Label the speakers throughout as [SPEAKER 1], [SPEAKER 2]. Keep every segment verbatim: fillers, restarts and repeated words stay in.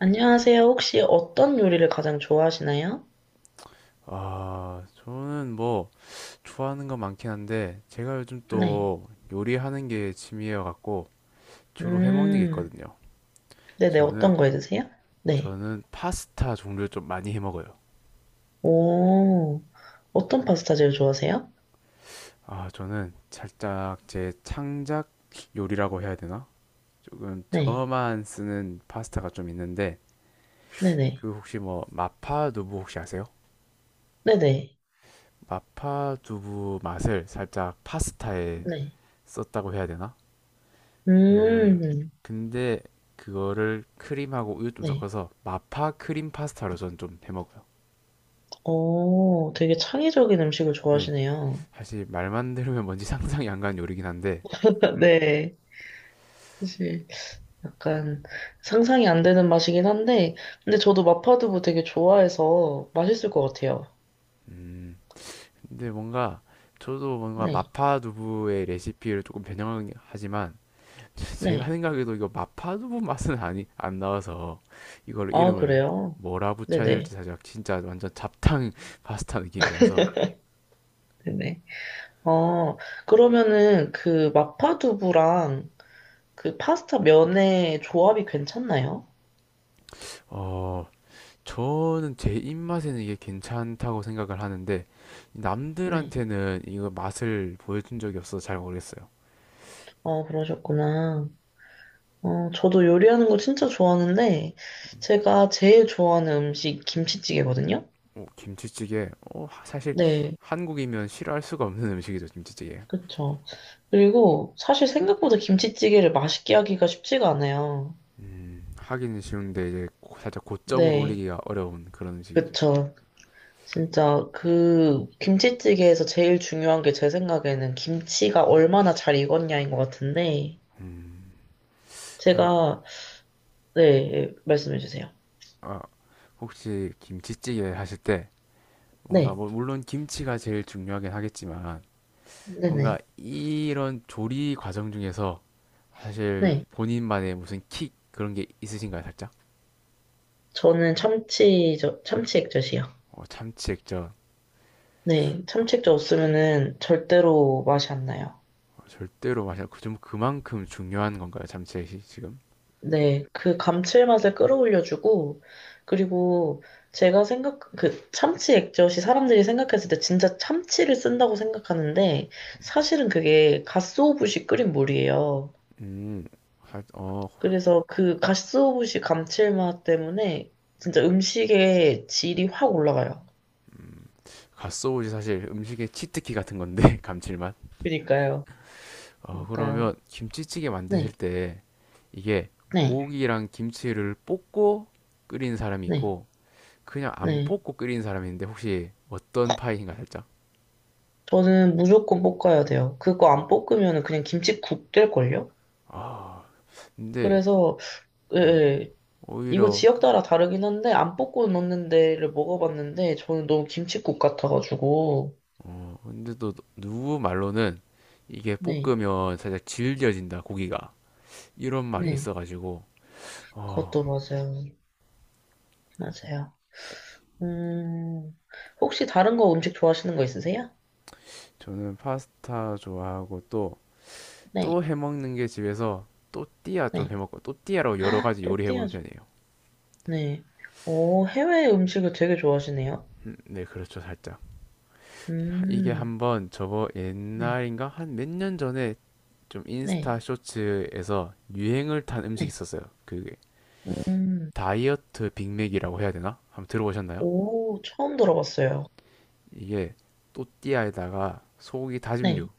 [SPEAKER 1] 안녕하세요. 혹시 어떤 요리를 가장 좋아하시나요?
[SPEAKER 2] 아, 저는 뭐 좋아하는 거 많긴 한데 제가 요즘
[SPEAKER 1] 네.
[SPEAKER 2] 또 요리하는 게 취미여 갖고 주로 해 먹는 게
[SPEAKER 1] 음,
[SPEAKER 2] 있거든요.
[SPEAKER 1] 네네.
[SPEAKER 2] 저는
[SPEAKER 1] 어떤 거해 드세요? 네.
[SPEAKER 2] 저는 파스타 종류를 좀 많이 해 먹어요.
[SPEAKER 1] 오, 어떤 파스타 제일 좋아하세요?
[SPEAKER 2] 아, 저는 살짝 제 창작 요리라고 해야 되나? 조금
[SPEAKER 1] 네.
[SPEAKER 2] 저만 쓰는 파스타가 좀 있는데
[SPEAKER 1] 네네.
[SPEAKER 2] 그 혹시 뭐 마파 두부 혹시 아세요?
[SPEAKER 1] 네네. 네.
[SPEAKER 2] 마파 두부 맛을 살짝 파스타에
[SPEAKER 1] 네.
[SPEAKER 2] 썼다고 해야 되나?
[SPEAKER 1] 네.
[SPEAKER 2] 그
[SPEAKER 1] 음,
[SPEAKER 2] 근데 그거를 크림하고 우유 좀
[SPEAKER 1] 네.
[SPEAKER 2] 섞어서 마파 크림 파스타로 전 좀 해 먹어요.
[SPEAKER 1] 오, 되게 창의적인 음식을
[SPEAKER 2] 네,
[SPEAKER 1] 좋아하시네요.
[SPEAKER 2] 사실 말만 들으면 뭔지 상상이 안 가는 요리긴 한데,
[SPEAKER 1] 네. 사실 약간 상상이 안 되는 맛이긴 한데, 근데 저도 마파두부 되게 좋아해서 맛있을 것 같아요.
[SPEAKER 2] 근데 뭔가 저도 뭔가
[SPEAKER 1] 네.
[SPEAKER 2] 마파 두부의 레시피를 조금 변형하지만 제가
[SPEAKER 1] 네.
[SPEAKER 2] 생각해도 이거 마파 두부 맛은 아니 안 나와서 이걸
[SPEAKER 1] 아,
[SPEAKER 2] 이름을
[SPEAKER 1] 그래요?
[SPEAKER 2] 뭐라 붙여야 될지
[SPEAKER 1] 네네.
[SPEAKER 2] 사실 진짜 완전 잡탕 파스타 느낌이라서
[SPEAKER 1] 네네. 어, 그러면은 그 마파두부랑 그 파스타 면의 조합이 괜찮나요?
[SPEAKER 2] 어 저는 제 입맛에는 이게 괜찮다고 생각을 하는데
[SPEAKER 1] 네.
[SPEAKER 2] 남들한테는 이거 맛을 보여준 적이 없어서 잘 모르겠어요.
[SPEAKER 1] 어, 그러셨구나. 어, 저도 요리하는 거 진짜 좋아하는데,
[SPEAKER 2] 음.
[SPEAKER 1] 제가 제일 좋아하는 음식 김치찌개거든요?
[SPEAKER 2] 어, 김치찌개. 어, 하- 사실
[SPEAKER 1] 네,
[SPEAKER 2] 한국이면 싫어할 수가 없는 음식이죠, 김치찌개.
[SPEAKER 1] 그쵸. 그리고 사실 생각보다 김치찌개를 맛있게 하기가 쉽지가 않아요.
[SPEAKER 2] 음, 하기는 쉬운데 이제 고- 살짝 고점을
[SPEAKER 1] 네,
[SPEAKER 2] 올리기가 어려운 그런 음식이죠.
[SPEAKER 1] 그쵸. 진짜 그 김치찌개에서 제일 중요한 게 제 생각에는 김치가 얼마나 잘 익었냐인 것 같은데,
[SPEAKER 2] 음, 사실
[SPEAKER 1] 제가, 네, 말씀해 주세요.
[SPEAKER 2] 아, 혹시 김치찌개 하실 때 뭔가
[SPEAKER 1] 네,
[SPEAKER 2] 뭐 물론 김치가 제일 중요하긴 하겠지만
[SPEAKER 1] 네네,
[SPEAKER 2] 뭔가 이런 조리 과정 중에서 사실
[SPEAKER 1] 네.
[SPEAKER 2] 본인만의 무슨 킥 그런 게 있으신가요, 살짝?
[SPEAKER 1] 저는 참치, 저, 참치 액젓이요.
[SPEAKER 2] 어, 참치액젓.
[SPEAKER 1] 네, 참치 액젓 없으면은 절대로 맛이 안 나요.
[SPEAKER 2] 어, 절대로 마셔. 그좀 그만큼 중요한 건가요, 참치액이 지금?
[SPEAKER 1] 네, 그 감칠맛을 끌어올려주고, 그리고 제가 생각, 그 참치 액젓이 사람들이 생각했을 때 진짜 참치를 쓴다고 생각하는데, 사실은 그게 가쓰오부시 끓인 물이에요.
[SPEAKER 2] 음, 살- 어,
[SPEAKER 1] 그래서 그 가쓰오부시 감칠맛 때문에 진짜 음식의 질이 확 올라가요.
[SPEAKER 2] 갓소우지 사실 음식의 치트키 같은 건데 감칠맛.
[SPEAKER 1] 그니까요.
[SPEAKER 2] 어,
[SPEAKER 1] 그니까요.
[SPEAKER 2] 그러면 김치찌개
[SPEAKER 1] 네,
[SPEAKER 2] 만드실 때 이게
[SPEAKER 1] 네,
[SPEAKER 2] 고기랑 김치를 볶고 끓인 사람이
[SPEAKER 1] 네,
[SPEAKER 2] 있고 그냥 안
[SPEAKER 1] 네.
[SPEAKER 2] 볶고 끓인 사람이 있는데 혹시 어떤 파이신가 살짝?
[SPEAKER 1] 저는 무조건 뽑아야 돼요. 그거 안 뽑으면 그냥 김칫국 될걸요?
[SPEAKER 2] 아, 근데
[SPEAKER 1] 그래서, 예, 예. 이거
[SPEAKER 2] 오히려
[SPEAKER 1] 지역 따라 다르긴 한데, 안 뽑고 넣는 데를 먹어봤는데, 저는 너무 김칫국 같아가지고.
[SPEAKER 2] 어 근데 또 누구 말로는 이게
[SPEAKER 1] 네,
[SPEAKER 2] 볶으면 살짝 질겨진다 고기가 이런 말이
[SPEAKER 1] 네.
[SPEAKER 2] 있어가지고 어
[SPEAKER 1] 그것도 맞아요. 맞아요. 음, 혹시 다른 거 음식 좋아하시는 거 있으세요?
[SPEAKER 2] 저는 파스타 좋아하고 또
[SPEAKER 1] 네,
[SPEAKER 2] 또 해먹는 게 집에서 또띠아 좀
[SPEAKER 1] 네.
[SPEAKER 2] 해먹고 또띠아로 여러 가지 요리해본
[SPEAKER 1] 또띠아죠.
[SPEAKER 2] 편이에요.
[SPEAKER 1] 네. 오, 해외 음식을 되게 좋아하시네요.
[SPEAKER 2] 음, 네 그렇죠 살짝 이게
[SPEAKER 1] 음,
[SPEAKER 2] 한번 저거
[SPEAKER 1] 네.
[SPEAKER 2] 옛날인가 한 몇 년 전에 좀
[SPEAKER 1] 네,
[SPEAKER 2] 인스타 쇼츠에서 유행을 탄 음식이
[SPEAKER 1] 네.
[SPEAKER 2] 있었어요. 그게
[SPEAKER 1] 음, 음,
[SPEAKER 2] 다이어트 빅맥이라고 해야 되나? 한번 들어보셨나요?
[SPEAKER 1] 오, 처음 들어봤어요.
[SPEAKER 2] 이게 또띠아에다가 소고기
[SPEAKER 1] 네,
[SPEAKER 2] 다짐육,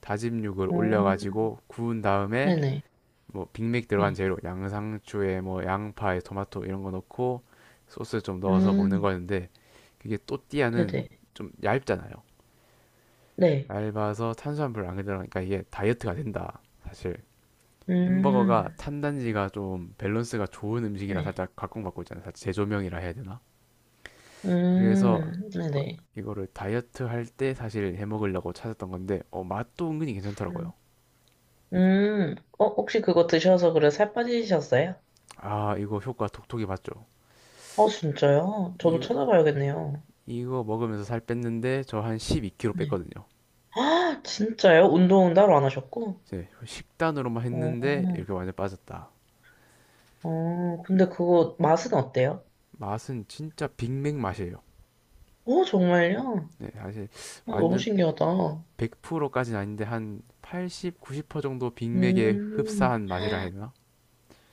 [SPEAKER 2] 다짐육을
[SPEAKER 1] 음,
[SPEAKER 2] 올려가지고 구운 다음에
[SPEAKER 1] 네네,
[SPEAKER 2] 뭐 빅맥 들어간
[SPEAKER 1] 네,
[SPEAKER 2] 재료, 양상추에 뭐 양파에 토마토 이런 거 넣고 소스 좀 넣어서 먹는
[SPEAKER 1] 음,
[SPEAKER 2] 거였는데 그게 또띠아는
[SPEAKER 1] 네네,
[SPEAKER 2] 좀 얇잖아요.
[SPEAKER 1] 네,
[SPEAKER 2] 얇아서 탄수화물 안 들어가니까 이게 다이어트가 된다. 사실 햄버거가
[SPEAKER 1] 음,
[SPEAKER 2] 탄단지가 좀 밸런스가 좋은 음식이라
[SPEAKER 1] 네,
[SPEAKER 2] 살짝 각광받고 있잖아요. 사실 재조명이라 해야 되나? 그래서
[SPEAKER 1] 음, 네네,
[SPEAKER 2] 이거를 다이어트 할 때 사실 해 먹으려고 찾았던 건데 어, 맛도 은근히
[SPEAKER 1] 음,
[SPEAKER 2] 괜찮더라고요.
[SPEAKER 1] 음, 어, 혹시 그거 드셔서 그래 살 빠지셨어요?
[SPEAKER 2] 아, 이거 효과 톡톡이 봤죠.
[SPEAKER 1] 어, 진짜요? 저도
[SPEAKER 2] 이거
[SPEAKER 1] 찾아봐야겠네요.
[SPEAKER 2] 이거 먹으면서 살 뺐는데 저 한 십이 킬로그램
[SPEAKER 1] 네.
[SPEAKER 2] 뺐거든요.
[SPEAKER 1] 아, 진짜요? 운동은 따로 안 하셨고?
[SPEAKER 2] 이제 식단으로만
[SPEAKER 1] 어,
[SPEAKER 2] 했는데 이렇게 완전 빠졌다.
[SPEAKER 1] 어, 근데 그거 맛은 어때요?
[SPEAKER 2] 맛은 진짜 빅맥 맛이에요.
[SPEAKER 1] 어, 정말요?
[SPEAKER 2] 네, 사실
[SPEAKER 1] 어, 너무
[SPEAKER 2] 완전
[SPEAKER 1] 신기하다.
[SPEAKER 2] 백 퍼센트까지는 아닌데 한 팔십, 구십 퍼센트 정도 빅맥에
[SPEAKER 1] 음,
[SPEAKER 2] 흡사한 맛이라 해야 되나?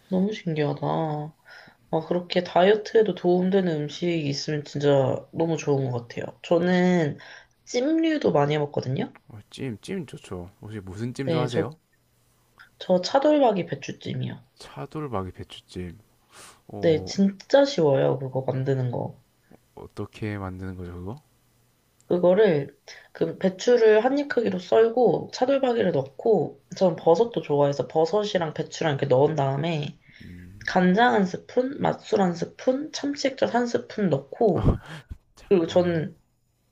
[SPEAKER 1] 너무 신기하다. 아, 그렇게 다이어트에도 도움되는 음식이 있으면 진짜 너무 좋은 것 같아요. 저는 찜류도 많이 해먹거든요.
[SPEAKER 2] 어, 찜, 찜 좋죠. 혹시 무슨 찜
[SPEAKER 1] 네,
[SPEAKER 2] 좋아하세요?
[SPEAKER 1] 저, 저 차돌박이 배추찜이요.
[SPEAKER 2] 차돌박이 배추찜.
[SPEAKER 1] 네,
[SPEAKER 2] 어,
[SPEAKER 1] 진짜 쉬워요. 그거 만드는 거.
[SPEAKER 2] 어떻게 만드는 거죠, 그거?
[SPEAKER 1] 그거를, 그 배추를 한입 크기로 썰고, 차돌박이를 넣고, 전 버섯도 좋아해서 버섯이랑 배추랑 이렇게 넣은 다음에,
[SPEAKER 2] 음,
[SPEAKER 1] 간장 한 스푼, 맛술 한 스푼, 참치액젓 한 스푼 넣고, 그리고
[SPEAKER 2] 어,
[SPEAKER 1] 저는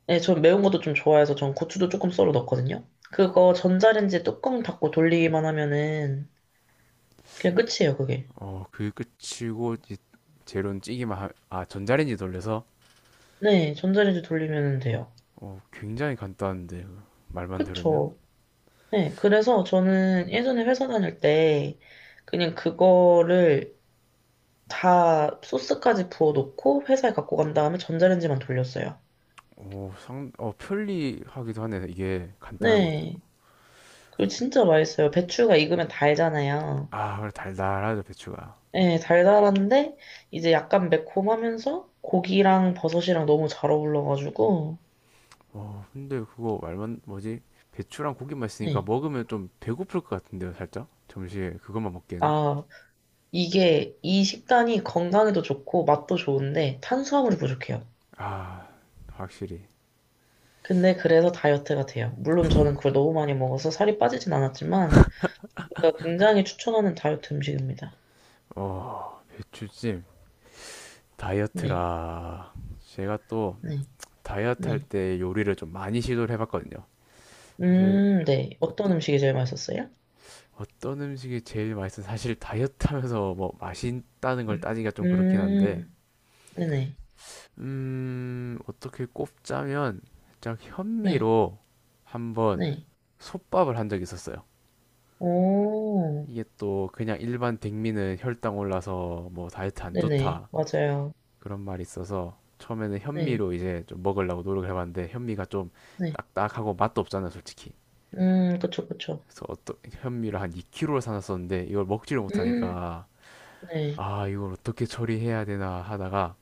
[SPEAKER 1] 네, 전 매운 것도 좀 좋아해서 전 고추도 조금 썰어 넣거든요. 그거 전자레인지 뚜껑 닫고 돌리기만 하면은 그냥 끝이에요, 그게.
[SPEAKER 2] 어, 그 끝이고 이제 재료는 찌기만 하, 아, 전자레인지 돌려서
[SPEAKER 1] 네, 전자레인지 돌리면 돼요.
[SPEAKER 2] 어, 굉장히 간단한데 말만 들으면
[SPEAKER 1] 그쵸. 네, 그래서 저는 예전에 회사 다닐 때 그냥 그거를 다 소스까지 부어 놓고 회사에 갖고 간 다음에 전자레인지만 돌렸어요.
[SPEAKER 2] 오, 상, 어, 편리하기도 하네. 이게 간단한 것들.
[SPEAKER 1] 네, 그거 진짜 맛있어요. 배추가 익으면 달잖아요.
[SPEAKER 2] 아, 그래, 달달하죠, 배추가.
[SPEAKER 1] 네, 달달한데 이제 약간 매콤하면서 고기랑 버섯이랑 너무 잘 어울러가지고
[SPEAKER 2] 어, 근데 그거 말만 뭐지? 배추랑 고기만 있으니까
[SPEAKER 1] 네.
[SPEAKER 2] 먹으면 좀 배고플 것 같은데요, 살짝? 점심에 그것만 먹기에는.
[SPEAKER 1] 아, 이게 이 식단이 건강에도 좋고 맛도 좋은데 탄수화물이 부족해요.
[SPEAKER 2] 아, 확실히.
[SPEAKER 1] 근데 그래서 다이어트가 돼요. 물론 저는 그걸 너무 많이 먹어서 살이 빠지진 않았지만 제가 굉장히 추천하는 다이어트 음식입니다.
[SPEAKER 2] 어, 배추찜
[SPEAKER 1] 네,
[SPEAKER 2] 다이어트라. 제가 또
[SPEAKER 1] 네,
[SPEAKER 2] 다이어트 할
[SPEAKER 1] 네.
[SPEAKER 2] 때 요리를 좀 많이 시도를 해봤거든요. 사실
[SPEAKER 1] 음, 네.
[SPEAKER 2] 또
[SPEAKER 1] 어떤
[SPEAKER 2] 띠-
[SPEAKER 1] 음식이 제일 맛있었어요?
[SPEAKER 2] 어떤 음식이 제일 맛있어? 사실 다이어트 하면서 뭐 맛있다는 걸
[SPEAKER 1] 음,
[SPEAKER 2] 따지기가 좀 그렇긴 한데,
[SPEAKER 1] 음, 네네,
[SPEAKER 2] 음, 어떻게 꼽자면 살짝
[SPEAKER 1] 네,
[SPEAKER 2] 현미로 한번
[SPEAKER 1] 네.
[SPEAKER 2] 솥밥을 한 적이 있었어요.
[SPEAKER 1] 오,
[SPEAKER 2] 이게 또 그냥 일반 백미는 혈당 올라서 뭐 다이어트 안
[SPEAKER 1] 네네,
[SPEAKER 2] 좋다
[SPEAKER 1] 맞아요.
[SPEAKER 2] 그런 말이 있어서 처음에는
[SPEAKER 1] 네,
[SPEAKER 2] 현미로 이제 좀 먹으려고 노력을 해봤는데 현미가 좀
[SPEAKER 1] 네.
[SPEAKER 2] 딱딱하고 맛도 없잖아요, 솔직히.
[SPEAKER 1] 음, 그쵸, 그쵸.
[SPEAKER 2] 그래서 어떤 현미를 한 이 킬로그램을 사놨었는데 이걸 먹지를
[SPEAKER 1] 음,
[SPEAKER 2] 못하니까
[SPEAKER 1] 네,
[SPEAKER 2] 아 이걸 어떻게 처리해야 되나 하다가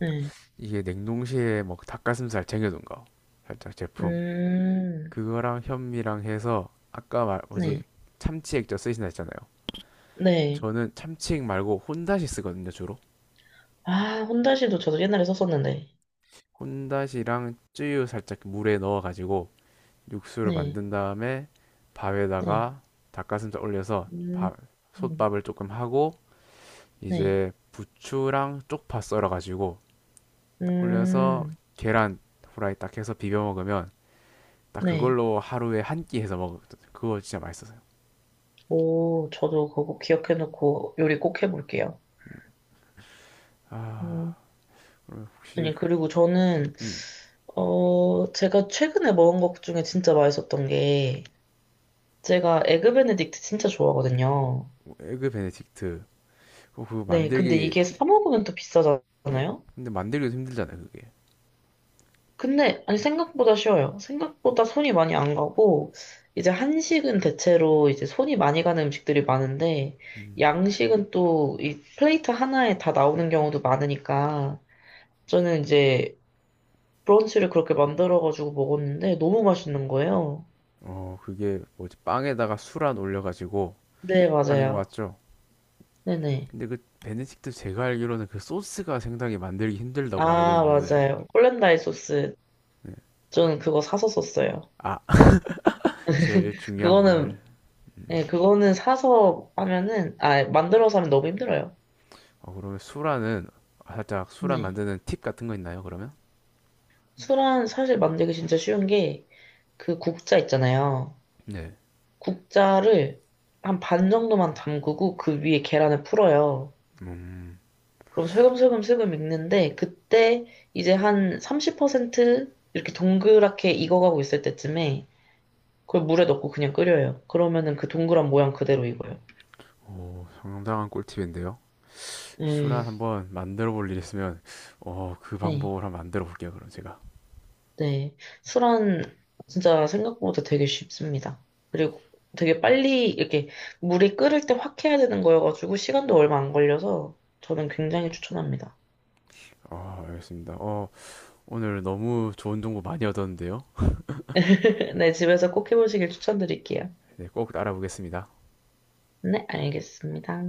[SPEAKER 1] 네.
[SPEAKER 2] 이게 냉동실에 뭐 닭가슴살 쟁여둔 거 살짝 제품
[SPEAKER 1] 음,
[SPEAKER 2] 그거랑 현미랑 해서 아까 말
[SPEAKER 1] 네,
[SPEAKER 2] 뭐지 참치 액젓 쓰신다 했잖아요.
[SPEAKER 1] 네.
[SPEAKER 2] 저는 참치 액 말고 혼다시 쓰거든요 주로
[SPEAKER 1] 아, 혼다시도 저도 옛날에 썼었는데.
[SPEAKER 2] 혼다시랑 쯔유 살짝 물에 넣어가지고 육수를
[SPEAKER 1] 네,
[SPEAKER 2] 만든 다음에
[SPEAKER 1] 네.
[SPEAKER 2] 밥에다가 닭가슴살 올려서
[SPEAKER 1] 음,
[SPEAKER 2] 밥
[SPEAKER 1] 음,
[SPEAKER 2] 솥밥을 조금 하고
[SPEAKER 1] 네.
[SPEAKER 2] 이제 부추랑 쪽파 썰어가지고 딱 올려서
[SPEAKER 1] 음,
[SPEAKER 2] 계란 후라이 딱 해서 비벼 먹으면 딱
[SPEAKER 1] 네.
[SPEAKER 2] 그걸로 하루에 한 끼 해서 먹어 그거 진짜 맛있었어요.
[SPEAKER 1] 오, 저도 그거 기억해놓고 요리 꼭 해볼게요.
[SPEAKER 2] 아
[SPEAKER 1] 음,
[SPEAKER 2] 그 혹시
[SPEAKER 1] 아니,
[SPEAKER 2] 그,
[SPEAKER 1] 그리고 저는,
[SPEAKER 2] 음,
[SPEAKER 1] 어, 제가 최근에 먹은 것 중에 진짜 맛있었던 게, 제가 에그 베네딕트 진짜 좋아하거든요.
[SPEAKER 2] 뭐 에그 베네딕트 그거 그거
[SPEAKER 1] 네, 근데
[SPEAKER 2] 만들기
[SPEAKER 1] 이게 사 먹으면 또
[SPEAKER 2] 네,
[SPEAKER 1] 비싸잖아요?
[SPEAKER 2] 근데 만들기도 힘들잖아요 그게.
[SPEAKER 1] 근데, 아니, 생각보다 쉬워요. 생각보다 손이 많이 안 가고, 이제 한식은 대체로 이제 손이 많이 가는 음식들이 많은데,
[SPEAKER 2] 음,
[SPEAKER 1] 양식은 또 이 플레이트 하나에 다 나오는 경우도 많으니까, 저는 이제 브런치를 그렇게 만들어가지고 먹었는데, 너무 맛있는 거예요.
[SPEAKER 2] 어 그게 뭐지 빵에다가 수란 올려가지고
[SPEAKER 1] 네,
[SPEAKER 2] 하는 거
[SPEAKER 1] 맞아요.
[SPEAKER 2] 맞죠?
[SPEAKER 1] 네네.
[SPEAKER 2] 근데 그 베네딕트 제가 알기로는 그 소스가 생각이 만들기 힘들다고 알고
[SPEAKER 1] 아,
[SPEAKER 2] 있는데
[SPEAKER 1] 맞아요. 콜렌다이 소스.
[SPEAKER 2] 네.
[SPEAKER 1] 저는 그거 사서 썼어요.
[SPEAKER 2] 아 제일 중요한 부분을
[SPEAKER 1] 그거는, 네, 그거는 사서 하면은, 아, 만들어서 하면 너무 힘들어요.
[SPEAKER 2] 어, 그러면 수라는 아, 살짝 수라
[SPEAKER 1] 네.
[SPEAKER 2] 만드는 팁 같은 거 있나요, 그러면?
[SPEAKER 1] 술은 사실 만들기 진짜 쉬운 게 그 국자 있잖아요.
[SPEAKER 2] 네.
[SPEAKER 1] 국자를 한 반 정도만 담그고 그 위에 계란을 풀어요.
[SPEAKER 2] 음,
[SPEAKER 1] 그럼 슬금슬금 슬금 익는데 그때 이제 한 삼십 퍼센트 이렇게 동그랗게 익어가고 있을 때쯤에 그걸 물에 넣고 그냥 끓여요. 그러면은 그 동그란 모양 그대로 익어요.
[SPEAKER 2] 오, 상당한 꿀팁인데요.
[SPEAKER 1] 음,
[SPEAKER 2] 수란 한번 만들어 볼 일 있으면, 어, 그
[SPEAKER 1] 네.
[SPEAKER 2] 방법을 한번 만들어 볼게요, 그럼 제가.
[SPEAKER 1] 네. 수란 진짜 생각보다 되게 쉽습니다. 그리고 되게 빨리 이렇게 물이 끓을 때 확 해야 되는 거여가지고 시간도 얼마 안 걸려서 저는 굉장히 추천합니다.
[SPEAKER 2] 어, 알겠습니다. 어, 오늘 너무 좋은 정보 많이 얻었는데요.
[SPEAKER 1] 네, 집에서 꼭 해보시길 추천드릴게요.
[SPEAKER 2] 네, 꼭 따라 보겠습니다.
[SPEAKER 1] 네, 알겠습니다.